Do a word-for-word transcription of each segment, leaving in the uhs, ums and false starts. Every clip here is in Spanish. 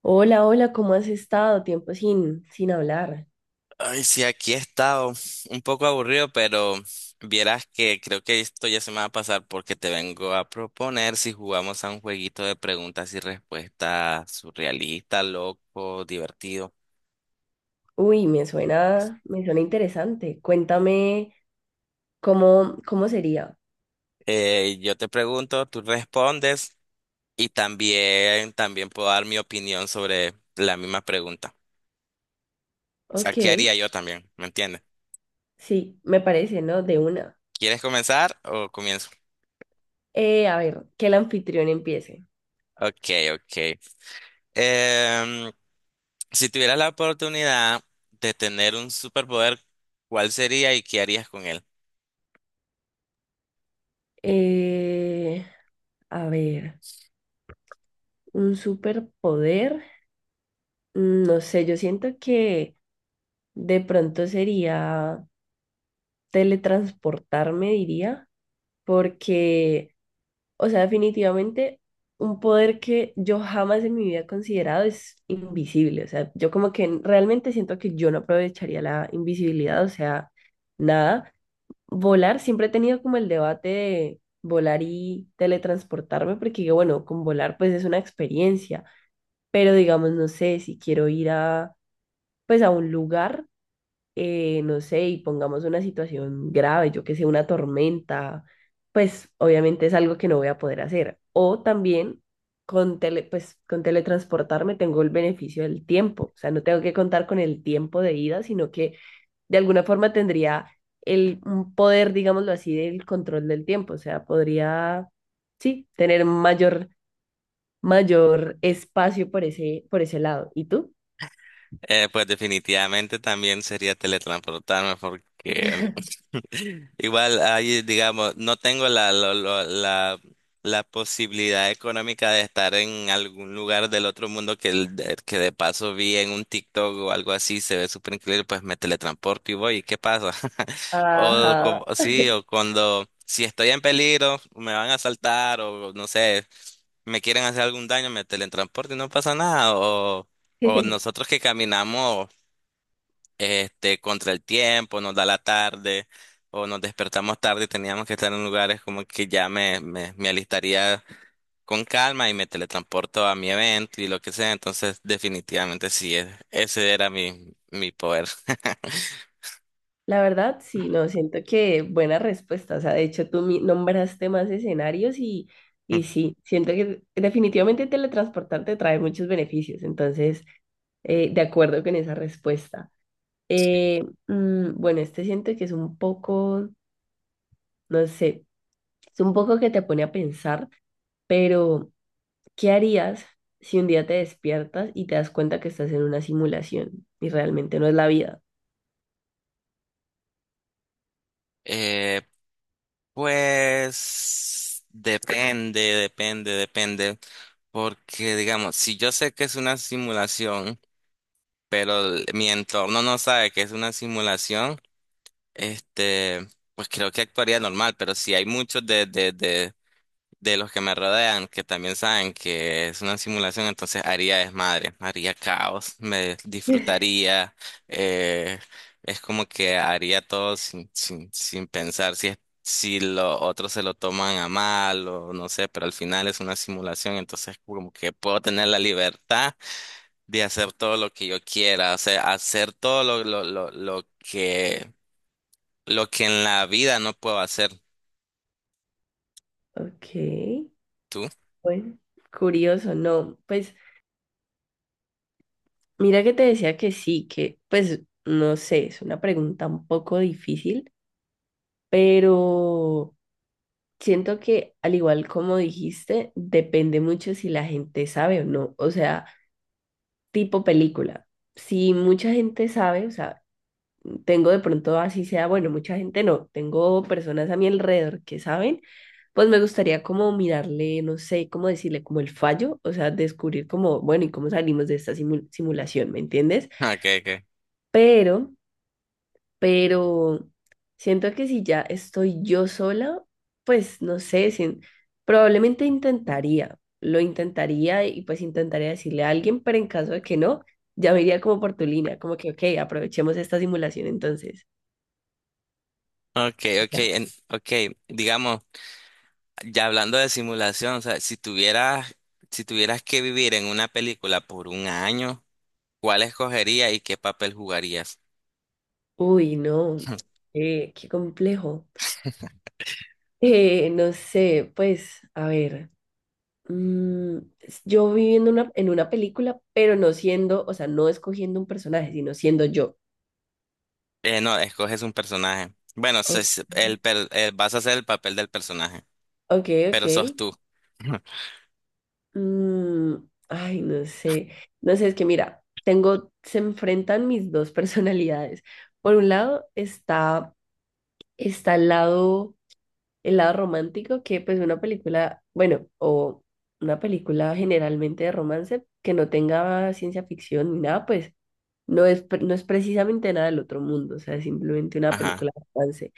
Hola, hola, ¿cómo has estado? Tiempo sin, sin hablar. Ay, sí, aquí he estado un poco aburrido, pero vieras que creo que esto ya se me va a pasar porque te vengo a proponer si jugamos a un jueguito de preguntas y respuestas surrealista, loco, divertido. Uy, me suena, me suena interesante. Cuéntame cómo, cómo sería. Eh, yo te pregunto, tú respondes y también, también puedo dar mi opinión sobre la misma pregunta. O sea, Ok, ¿qué haría yo también? ¿Me entiendes? sí, me parece, ¿no? De una. ¿Quieres comenzar o comienzo? Eh, a ver, que el anfitrión empiece. Ok, ok. Em, Si tuvieras la oportunidad de tener un superpoder, ¿cuál sería y qué harías con él? Eh, a ver, un superpoder. Mm, No sé, yo siento que de pronto sería teletransportarme, diría, porque o sea, definitivamente un poder que yo jamás en mi vida he considerado es invisible. O sea, yo como que realmente siento que yo no aprovecharía la invisibilidad, o sea, nada. Volar, siempre he tenido como el debate de volar y teletransportarme, porque digo, bueno, con volar pues es una experiencia, pero digamos, no sé, si quiero ir a pues a un lugar, eh, no sé, y pongamos una situación grave, yo que sé, una tormenta, pues obviamente es algo que no voy a poder hacer. O también con tele, pues con teletransportarme tengo el beneficio del tiempo, o sea, no tengo que contar con el tiempo de ida, sino que de alguna forma tendría el un poder, digámoslo así, del control del tiempo, o sea, podría, sí, tener mayor mayor espacio por ese por ese lado. ¿Y tú? Eh, pues definitivamente también sería teletransportarme porque igual ahí, digamos, no tengo la, lo- lo- la, la posibilidad económica de estar en algún lugar del otro mundo que, el- de- que de paso vi en un TikTok o algo así, se ve súper increíble, pues me teletransporto y voy, ¿y qué pasa? O, como- Ajá. sí, o cuando, si estoy en peligro, me van a asaltar o no sé. Me quieren hacer algún daño, me teletransporto y no pasa nada. O, o nosotros que caminamos este, contra el tiempo, nos da la tarde, o nos despertamos tarde y teníamos que estar en lugares como que ya me, me, me alistaría con calma y me teletransporto a mi evento y lo que sea. Entonces, definitivamente sí, e- ese era mi, mi poder. La verdad, sí, no, siento que buena respuesta. O sea, de hecho, tú mi- nombraste más escenarios y, y sí, siento que definitivamente teletransportarte trae muchos beneficios. Entonces, eh, de acuerdo con esa respuesta. Eh, mm, bueno, este siento que es un poco, no sé, es un poco que te pone a pensar, pero ¿qué harías si un día te despiertas y te das cuenta que estás en una simulación y realmente no es la vida? Eh, Pues depende, depende, depende. Porque, digamos, si yo sé que es una simulación, pero el- mi entorno no sabe que es una simulación, este, pues creo que actuaría normal. Pero si hay muchos de los que me rodean, que también saben que es una simulación, entonces haría desmadre, haría caos, me disfrutaría, eh, es como que haría todo sin, sin, sin pensar si es, si los otros se lo toman a mal o no sé, pero al final es una simulación, entonces como que puedo tener la libertad de hacer todo lo que yo quiera, o sea, hacer todo lo, lo, lo, lo que, lo que en la vida no puedo hacer. Ok, ¿Tú? bueno, curioso, no, pues. Mira que te decía que sí, que pues no sé, es una pregunta un poco difícil, pero siento que al igual como dijiste, depende mucho si la gente sabe o no, o sea, tipo película. Si mucha gente sabe, o sea, tengo de pronto así sea, bueno, mucha gente no, tengo personas a mi alrededor que saben, pues me gustaría como mirarle, no sé, cómo decirle como el fallo, o sea, descubrir como, bueno, y cómo salimos de esta simu- simulación, ¿me entiendes? Ok, ok. Pero pero siento que si ya estoy yo sola, pues no sé, sin- probablemente intentaría, lo intentaría y pues intentaría decirle a alguien, pero en caso de que no, ya me iría como por tu línea, como que, ok, aprovechemos esta simulación entonces. Okay, Ya. okay, en- okay, digamos, ya hablando de simulación, o sea, si tuvieras, si tuvieras que vivir en una película por un año, ¿cuál escogerías y qué papel jugarías? Uy, no, eh, qué complejo. Eh, no sé, pues, a ver. mm, s- yo viviendo una, en una película, pero no siendo, o sea, no escogiendo un personaje, sino siendo yo. Eh, no, escoges un personaje. Bueno, se- O- se- el, per- eh, vas a hacer el papel del personaje, Ok, ok. pero sos tú. Mm, ay, no sé. No sé, es que mira, tengo, se enfrentan mis dos personalidades. Por un lado está, está el lado, el lado romántico, que pues una película, bueno, o una película generalmente de romance que no tenga ciencia ficción ni nada, pues no es, pre- no es precisamente nada del otro mundo, o sea, es simplemente una Ajá, película de romance.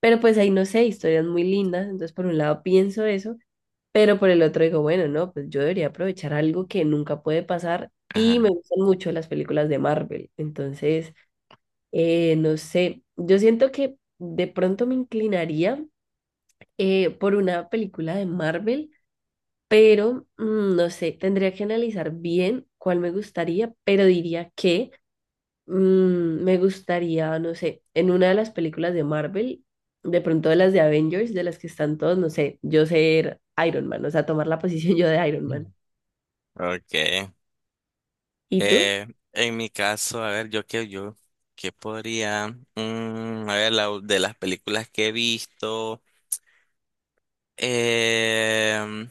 Pero pues ahí no sé, historias muy lindas. Entonces, por un lado pienso eso. Pero por el otro digo, bueno, no, pues yo debería aprovechar algo que nunca puede pasar y me ajá. gustan mucho las películas de Marvel. Entonces, eh, no sé, yo siento que de pronto me inclinaría, eh, por una película de Marvel, pero mm, no sé, tendría que analizar bien cuál me gustaría, pero diría que, mm, me gustaría, no sé, en una de las películas de Marvel. De pronto de las de Avengers, de las que están todos, no sé, yo ser Iron Man, o sea, tomar la posición yo de Iron Man. Mm. Okay. ¿Y tú? Eh, en mi caso, a ver, yo qué, yo, qué podría, Mm, a ver, la- de las películas que he visto. Eh,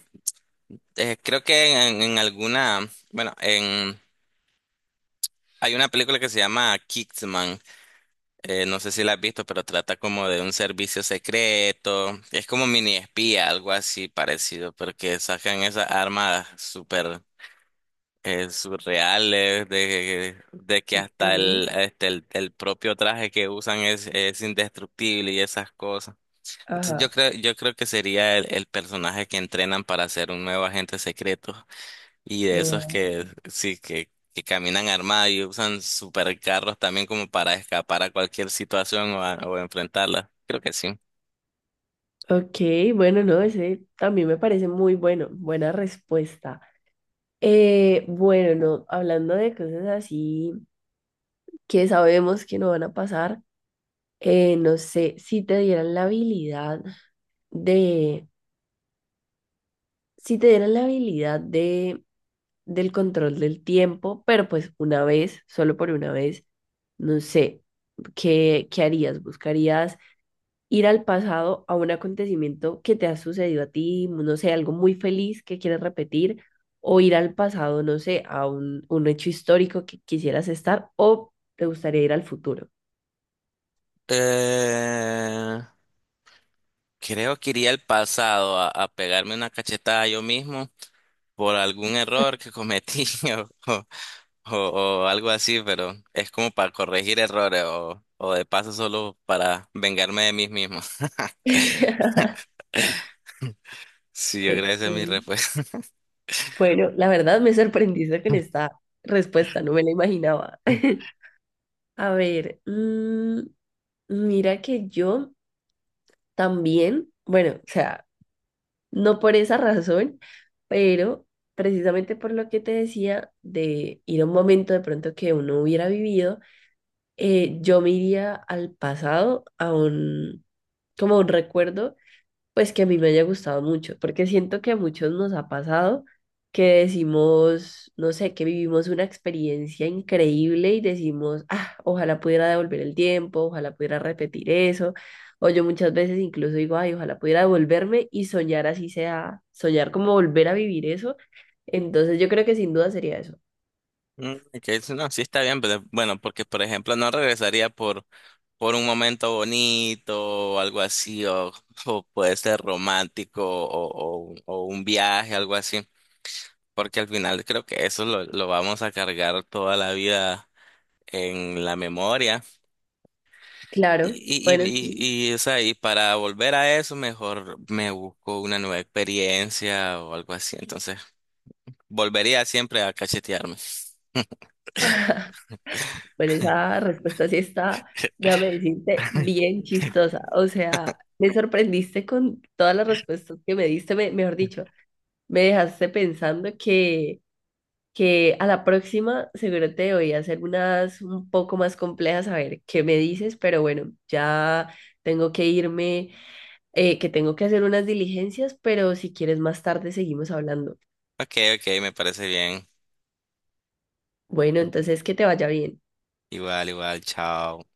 Eh, creo que en, en alguna, bueno, en, hay una película que se llama Kingsman, eh, no sé si la has visto, pero trata como de un servicio secreto, es como mini espía, algo así parecido, porque sacan esas armas súper eh, surreales, de, de que hasta Ok, el, este, el, el propio traje que usan es, es indestructible y esas cosas. Entonces yo ajá. creo, yo creo que sería el, el personaje que entrenan para ser un nuevo agente secreto. Y de esos Guau. que sí, que, que caminan armados y usan supercarros también como para escapar a cualquier situación o, a- o enfrentarla. Creo que sí. Ok, bueno, no, ese también me parece muy bueno, buena respuesta. Eh, bueno, no, hablando de cosas así que sabemos que no van a pasar, eh, no sé, si te dieran la habilidad de, si te dieran la habilidad de, del control del tiempo, pero pues una vez, solo por una vez, no sé, ¿qué, qué harías? ¿Buscarías ir al pasado a un acontecimiento que te ha sucedido a ti, no sé, algo muy feliz que quieres repetir, o ir al pasado, no sé, a un, un hecho histórico que quisieras estar, o te gustaría ir al futuro? Eh, Creo que iría al pasado a, a pegarme una cachetada yo mismo por algún error que cometí o, o, o o algo así, pero es como para corregir errores o, o de paso solo para vengarme de mí mismo. Sí, yo creo que esa es mi Ok. respuesta. Bueno, la verdad me sorprendiste con esta respuesta, no me la imaginaba. A ver, mm, mira que yo también, bueno, o sea, no por esa razón, pero precisamente por lo que te decía de ir a un momento de pronto que uno hubiera vivido, eh, yo me iría al pasado, a un, como a un recuerdo pues que a mí me haya gustado mucho, porque siento que a muchos nos ha pasado que decimos, no sé, que vivimos una experiencia increíble y decimos, ah, ojalá pudiera devolver el tiempo, ojalá pudiera repetir eso, o yo muchas veces incluso digo, ay, ojalá pudiera devolverme y soñar así sea, soñar como volver a vivir eso, entonces yo creo que sin duda sería eso. Mm, que eso no, sí está bien, pero bueno, porque por ejemplo no regresaría por, por un momento bonito o algo así, o, o puede ser romántico o, o, o un viaje, algo así, porque al final creo que eso lo, lo vamos a cargar toda la vida en la memoria. Claro, Y, y, bueno, sí. y, y, y, o sea, y para volver a eso, mejor me busco una nueva experiencia o algo así, entonces volvería siempre a cachetearme. Bueno, esa respuesta sí está, déjame decirte, bien chistosa. O sea, me sorprendiste con todas las respuestas que me diste, me- mejor dicho, me dejaste pensando que, que a la próxima seguro te voy a hacer unas un poco más complejas, a ver qué me dices, pero bueno, ya tengo que irme, eh, que tengo que hacer unas diligencias, pero si quieres más tarde seguimos hablando. Ok, ok, me parece bien. Bueno, entonces que te vaya bien. Igual, igual, chao.